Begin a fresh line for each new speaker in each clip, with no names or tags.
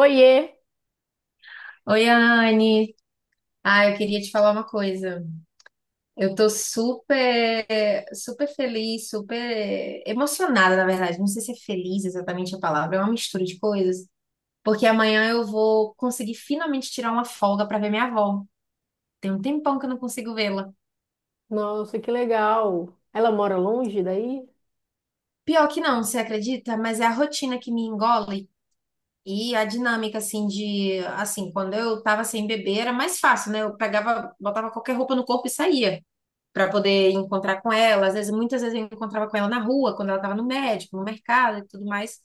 Oiê!
Oi, Anne. Ah, eu queria te falar uma coisa. Eu tô super, super feliz, super emocionada, na verdade. Não sei se é feliz exatamente a palavra, é uma mistura de coisas. Porque amanhã eu vou conseguir finalmente tirar uma folga pra ver minha avó. Tem um tempão que eu não consigo vê-la.
Nossa, que legal! Ela mora longe daí?
Pior que não, você acredita? Mas é a rotina que me engole e a dinâmica, assim, Assim, quando eu tava sem beber era mais fácil, né? Eu pegava, botava qualquer roupa no corpo e saía, para poder encontrar com ela. Às vezes, muitas vezes eu encontrava com ela na rua, quando ela estava no médico, no mercado e tudo mais.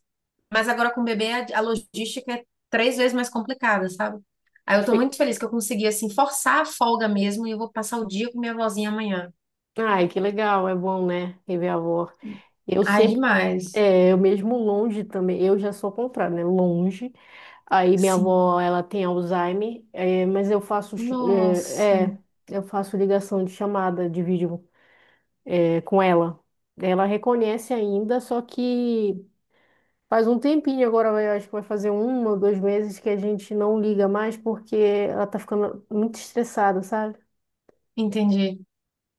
Mas agora com o bebê, a logística é 3 vezes mais complicada, sabe? Aí eu tô
Fi-
muito feliz que eu consegui, assim, forçar a folga mesmo e eu vou passar o dia com minha vozinha amanhã.
Ai, que legal, é bom, né? Rever a avó. Eu
Ai,
sempre,
demais.
é, eu mesmo longe também, eu já sou ao contrário, né? Longe. Aí minha avó,
Sim.
ela tem Alzheimer, é, mas eu faço,
Nossa.
é, é, eu faço ligação de chamada de vídeo, é, com ela. Ela reconhece ainda, só que. Faz um tempinho agora, acho que vai fazer um ou dois meses que a gente não liga mais porque ela tá ficando muito estressada, sabe?
Entendi,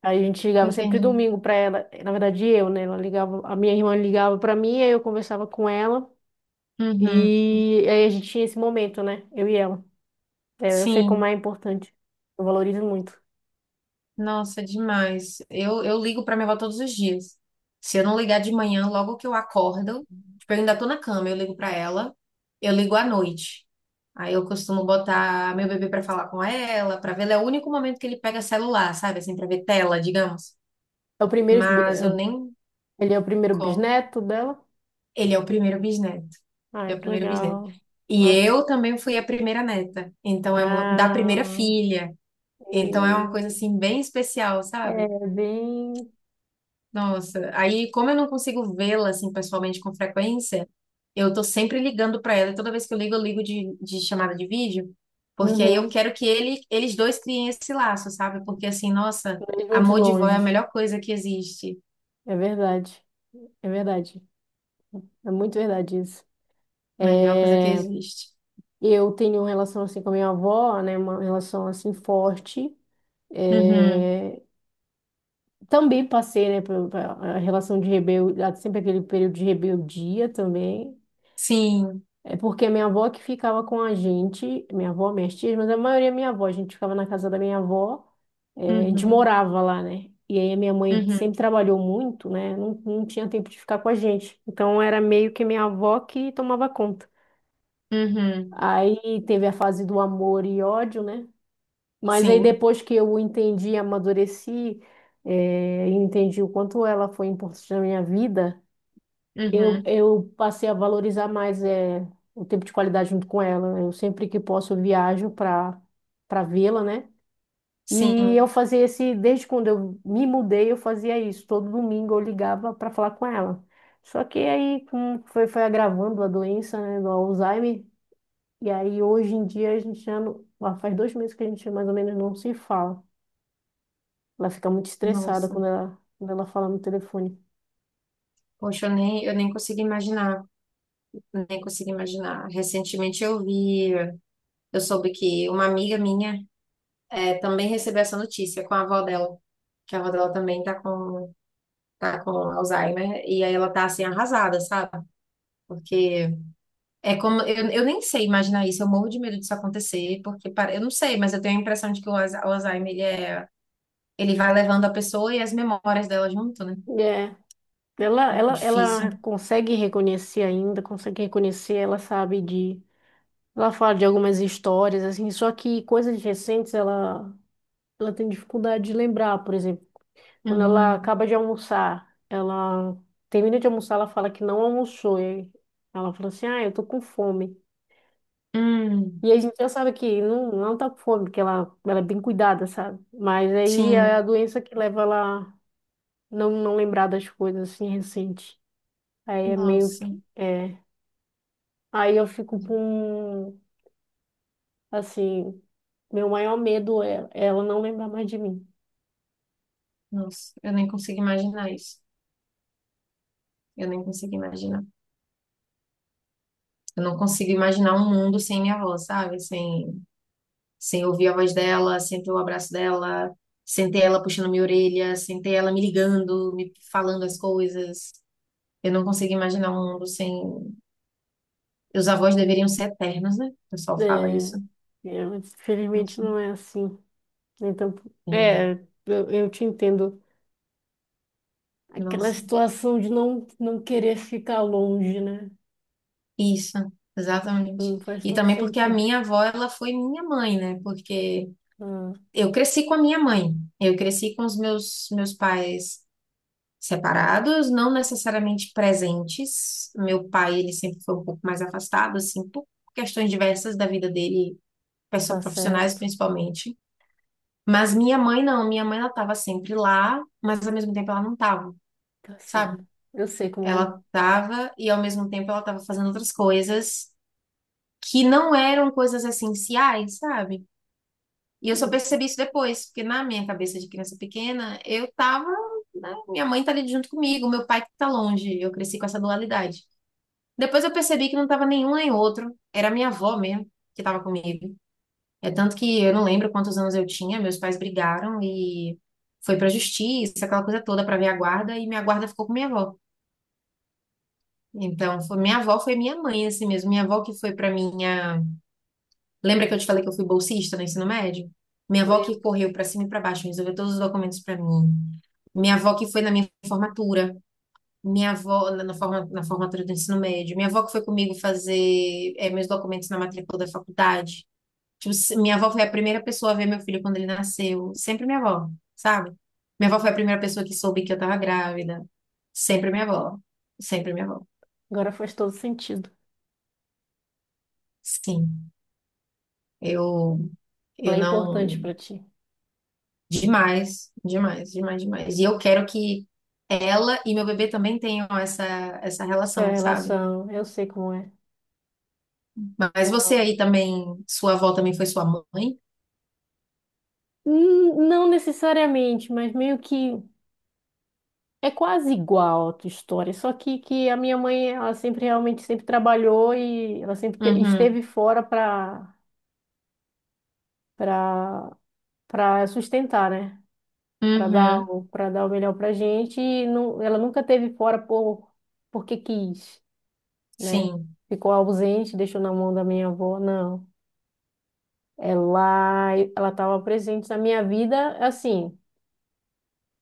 Aí a gente ligava sempre
entendi.
domingo pra ela, na verdade eu, né? Ela ligava, a minha irmã ligava pra mim, aí eu conversava com ela
Uhum.
e aí a gente tinha esse momento, né? Eu e ela. É, eu sei como
Sim.
é importante, eu valorizo muito.
Nossa, demais. Eu ligo pra minha avó todos os dias. Se eu não ligar de manhã, logo que eu acordo, tipo, eu ainda tô na cama, eu ligo pra ela, eu ligo à noite. Aí eu costumo botar meu bebê pra falar com ela, pra ver. Ele é o único momento que ele pega celular, sabe? Assim, pra ver tela, digamos.
É o primeiro,
Mas eu nem
ele é o primeiro
como.
bisneto dela.
Ele é o primeiro bisneto. Ele
Ai,
é o
que
primeiro bisneto.
legal.
E
Nossa.
eu também fui a primeira neta. Então é da primeira
Ah,
filha. Então é uma coisa
e-
assim bem especial, sabe?
é bem.
Nossa, aí como eu não consigo vê-la assim pessoalmente com frequência, eu tô sempre ligando pra ela, e toda vez que eu ligo de chamada de vídeo, porque aí eu
Uhum.
quero que ele, eles dois criem esse laço, sabe? Porque assim, nossa,
Mesmo de
amor de vó é a
longe.
melhor coisa que existe.
É verdade. É verdade. É muito verdade isso.
Melhor coisa que
É,
existe.
eu tenho uma relação assim com a minha avó, né? Uma relação assim forte.
Uhum.
É, também passei, né, a relação de rebeldia, sempre aquele período de rebeldia também.
Sim.
É porque minha avó que ficava com a gente, minha avó, minhas tias, mas a maioria é minha avó, a gente ficava na casa da minha avó, eh, a gente
Uhum.
morava lá, né? E aí a minha mãe
Uhum.
sempre trabalhou muito, né? Não tinha tempo de ficar com a gente. Então era meio que minha avó que tomava conta.
Uhum.
Aí teve a fase do amor e ódio, né? Mas aí
Sim.
depois que eu entendi, amadureci, eh, e entendi o quanto ela foi importante na minha vida. Eu,
Uhum.
eu passei a valorizar mais é, o tempo de qualidade junto com ela. Eu sempre que posso eu viajo para vê-la, né? E
Sim.
eu fazia esse, desde quando eu me mudei, eu fazia isso. Todo domingo eu ligava para falar com ela. Só que aí foi, foi agravando a doença, né, do Alzheimer. E aí hoje em dia a gente já não, lá faz dois meses que a gente mais ou menos não se fala. Ela fica muito estressada
Nossa.
quando ela fala no telefone.
Poxa, eu nem consigo imaginar. Nem consigo imaginar. Recentemente Eu soube que uma amiga minha também recebeu essa notícia com a avó dela, que a avó dela também tá com Alzheimer, e aí ela tá assim arrasada, sabe? Porque é como. Eu nem sei imaginar isso, eu morro de medo disso acontecer, porque para, eu não sei, mas eu tenho a impressão de que o Alzheimer ele vai levando a pessoa e as memórias dela junto, né?
É Ela,
É
ela, ela
difícil.
consegue reconhecer ainda, consegue reconhecer, ela sabe de. Ela fala de algumas histórias, assim, só que coisas recentes ela, ela tem dificuldade de lembrar, por exemplo. Quando ela
Uhum.
acaba de almoçar, ela termina de almoçar, ela fala que não almoçou. E ela fala assim, ah, eu tô com fome.
Hum,
E a gente já sabe que não, não tá com fome, porque ela é bem cuidada, sabe? Mas aí é a
sim.
doença que leva ela a não, não lembrar das coisas, assim, recentes. Aí é meio
Nossa.
que. É, Aí eu fico com, assim, meu maior medo é ela não lembrar mais de mim.
Nossa, eu nem consigo imaginar isso. Eu nem consigo imaginar. Eu não consigo imaginar um mundo sem minha avó, sabe? Sem, sem ouvir a voz dela, sem ter o abraço dela, sem ter ela puxando minha orelha, sem ter ela me ligando, me falando as coisas. Eu não consigo imaginar um mundo sem. Os avós deveriam ser eternos, né? O pessoal fala
É,
isso.
é, mas infelizmente
Nossa,
não é assim. Então,
é,
é, eu te entendo. Aquela
nossa.
situação de não, não querer ficar longe, né?
Isso, exatamente.
Não faz
E
todo
também porque a
sentido.
minha avó, ela foi minha mãe, né? Porque
Ah,
eu cresci com a minha mãe, eu cresci com os meus pais, separados, não necessariamente presentes. Meu pai, ele sempre foi um pouco mais afastado, assim, por questões diversas da vida dele, pessoal
tá
profissionais
certo,
principalmente. Mas minha mãe não, minha mãe ela estava sempre lá, mas ao mesmo tempo ela não estava,
tá certo.
sabe?
Eu sei como é.
Ela estava e ao mesmo tempo ela estava fazendo outras coisas que não eram coisas essenciais, sabe? E eu só percebi isso depois, porque na minha cabeça de criança pequena, eu tava, né, minha mãe tá ali junto comigo, meu pai que tá longe. Eu cresci com essa dualidade. Depois eu percebi que não estava nenhum nem outro. Era minha avó mesmo que estava comigo. É tanto que eu não lembro quantos anos eu tinha, meus pais brigaram e foi pra justiça, aquela coisa toda pra minha guarda, e minha guarda ficou com minha avó. Então, foi, minha avó foi minha mãe, assim mesmo. Minha avó que foi pra minha. Lembra que eu te falei que eu fui bolsista no ensino médio? Minha avó que
Lembro.
correu pra cima e pra baixo, resolveu todos os documentos pra mim. Minha avó que foi na minha formatura. Minha avó, na formatura do ensino médio, minha avó que foi comigo fazer meus documentos na matrícula da faculdade. Tipo, minha avó foi a primeira pessoa a ver meu filho quando ele nasceu. Sempre minha avó, sabe? Minha avó foi a primeira pessoa que soube que eu tava grávida. Sempre minha avó. Sempre minha avó.
Agora faz todo sentido.
Sim. Eu,
Ela
eu
é importante
não.
pra ti.
Demais, demais, demais, demais. E eu quero que ela e meu bebê também tenham essa,
Sua
relação, sabe?
relação, eu sei como é.
Mas
É,
você aí também, sua avó também foi sua mãe?
hum, não necessariamente, mas meio que é quase igual a tua história, só que a minha mãe, ela sempre realmente sempre trabalhou e ela sempre
Uhum,
esteve fora para para sustentar, né?
uhum,
Para dar o melhor pra gente e não, ela nunca esteve fora porque quis, né?
sim,
Ficou ausente, deixou na mão da minha avó, não. Ela estava presente na minha vida assim,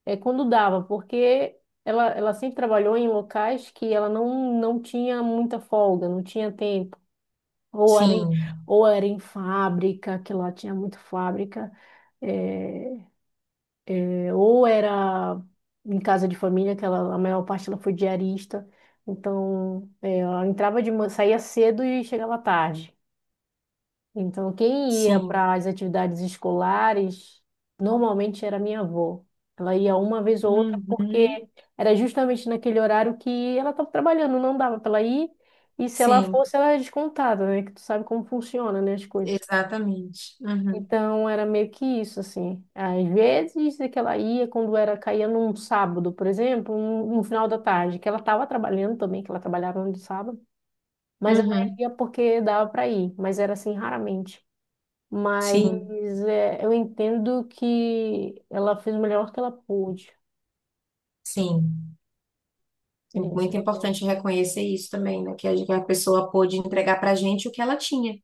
é, quando dava, porque ela sempre trabalhou em locais que ela não, não tinha muita folga, não tinha tempo. Ou era em,
sim,
ou era em fábrica, que lá tinha muita fábrica, é, é, ou era em casa de família, que ela, a maior parte ela foi diarista. Então, é, ela entrava de manhã, saía cedo e chegava tarde. Então, quem ia
sim,
para as atividades escolares normalmente era minha avó. Ela ia uma vez ou outra porque
uhum.
era justamente naquele horário que ela estava trabalhando, não dava para ela ir. E se ela
Sim,
fosse, ela era descontada, né? Que tu sabe como funciona, né, as coisas.
exatamente. Uhum,
Então, era meio que isso, assim. Às vezes é que ela ia quando era caía num sábado, por exemplo, um final da tarde, que ela estava trabalhando também, que ela trabalhava no sábado, mas ela
uhum,
ia porque dava para ir, mas era assim raramente. Mas
sim,
é, eu entendo que ela fez o melhor que ela pôde.
sim. É
É isso que
muito
eu tenho.
importante reconhecer isso também, né? Que a pessoa pôde entregar pra gente o que ela tinha,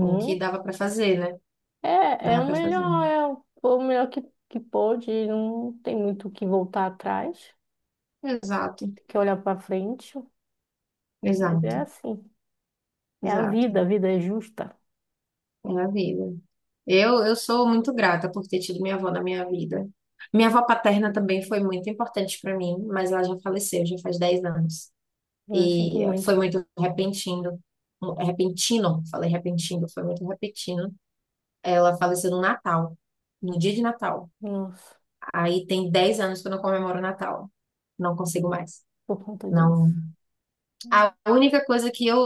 o que dava pra fazer, né?
É,
Dava pra fazer.
é o melhor que pôde. Não tem muito o que voltar atrás,
Exato,
tem que olhar para frente. Mas é
exato,
assim. É
exato.
a vida é justa.
É a vida. Eu sou muito grata por ter tido minha avó na minha vida. Minha avó paterna também foi muito importante pra mim, mas ela já faleceu, já faz 10 anos.
Eu sinto
E foi
muito,
muito repentino. Repentino, falei repentino, foi muito repentino. Ela faleceu no Natal, no dia de Natal.
nossa,
Aí tem 10 anos que eu não comemoro Natal. Não consigo mais.
por conta
Não.
disso.
A única coisa que eu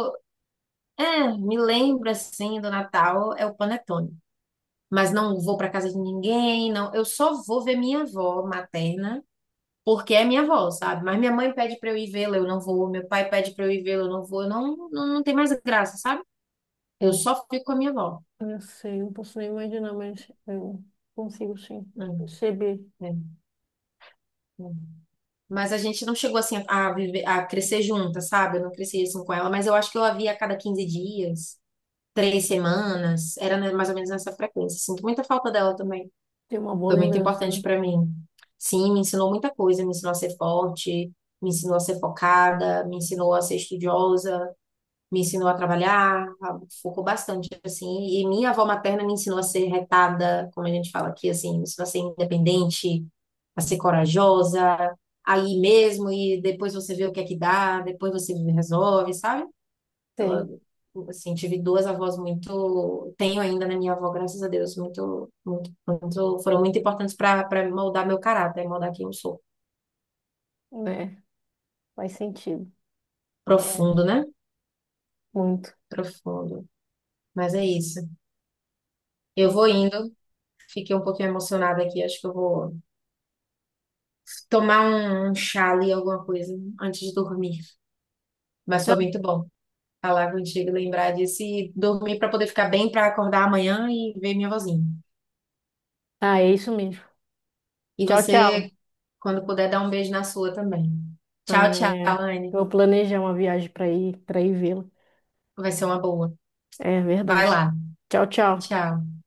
me lembro assim do Natal é o panetone. Mas não vou para casa de ninguém, não. Eu só vou ver minha avó materna, porque é minha avó, sabe? Mas minha mãe pede para eu ir vê-la, eu não vou. Meu pai pede para eu ir vê-la, eu não vou. Eu não, não, não tem mais graça, sabe? Eu
Eu,
só fico com a minha avó.
eu sei, não posso nem imaginar, mas eu consigo sim perceber.
É, é, é. Mas a gente não chegou assim a viver, a crescer junta, sabe? Eu não cresci assim com ela, mas eu acho que eu a via a cada 15 dias, 3 semanas, era né, mais ou menos nessa frequência. Sinto muita falta dela também.
Tem uma boa
Foi muito
lembrança,
importante
né?
pra mim. Sim, me ensinou muita coisa, me ensinou a ser forte, me ensinou a ser focada, me ensinou a ser estudiosa, me ensinou a trabalhar, focou bastante, assim, e minha avó materna me ensinou a ser retada, como a gente fala aqui, assim, me ensinou a ser independente, a ser corajosa, aí mesmo, e depois você vê o que é que dá, depois você resolve, sabe? Ela,
Sei,
assim, tive duas avós muito, tenho ainda na minha avó, graças a Deus, muito, muito, muito, foram muito importantes para moldar meu caráter, moldar quem eu sou.
né? Faz sentido. É
Profundo, né?
Muito.
Profundo. Mas é isso. Eu
É.
vou indo. Fiquei um pouquinho emocionada aqui. Acho que eu vou tomar um chá ali, alguma coisa, antes de dormir. Mas foi
Então,
muito bom falar contigo, lembrar disso e dormir para poder ficar bem, para acordar amanhã e ver minha vozinha.
ah, é isso mesmo.
E
Tchau, tchau.
você, quando puder, dá um beijo na sua também. Tchau,
Ah,
tchau,
é. Eu
Anne.
vou planejar uma viagem para ir vê-lo.
Vai ser uma boa.
É
Vai
verdade.
lá.
Tchau, tchau.
Tchau.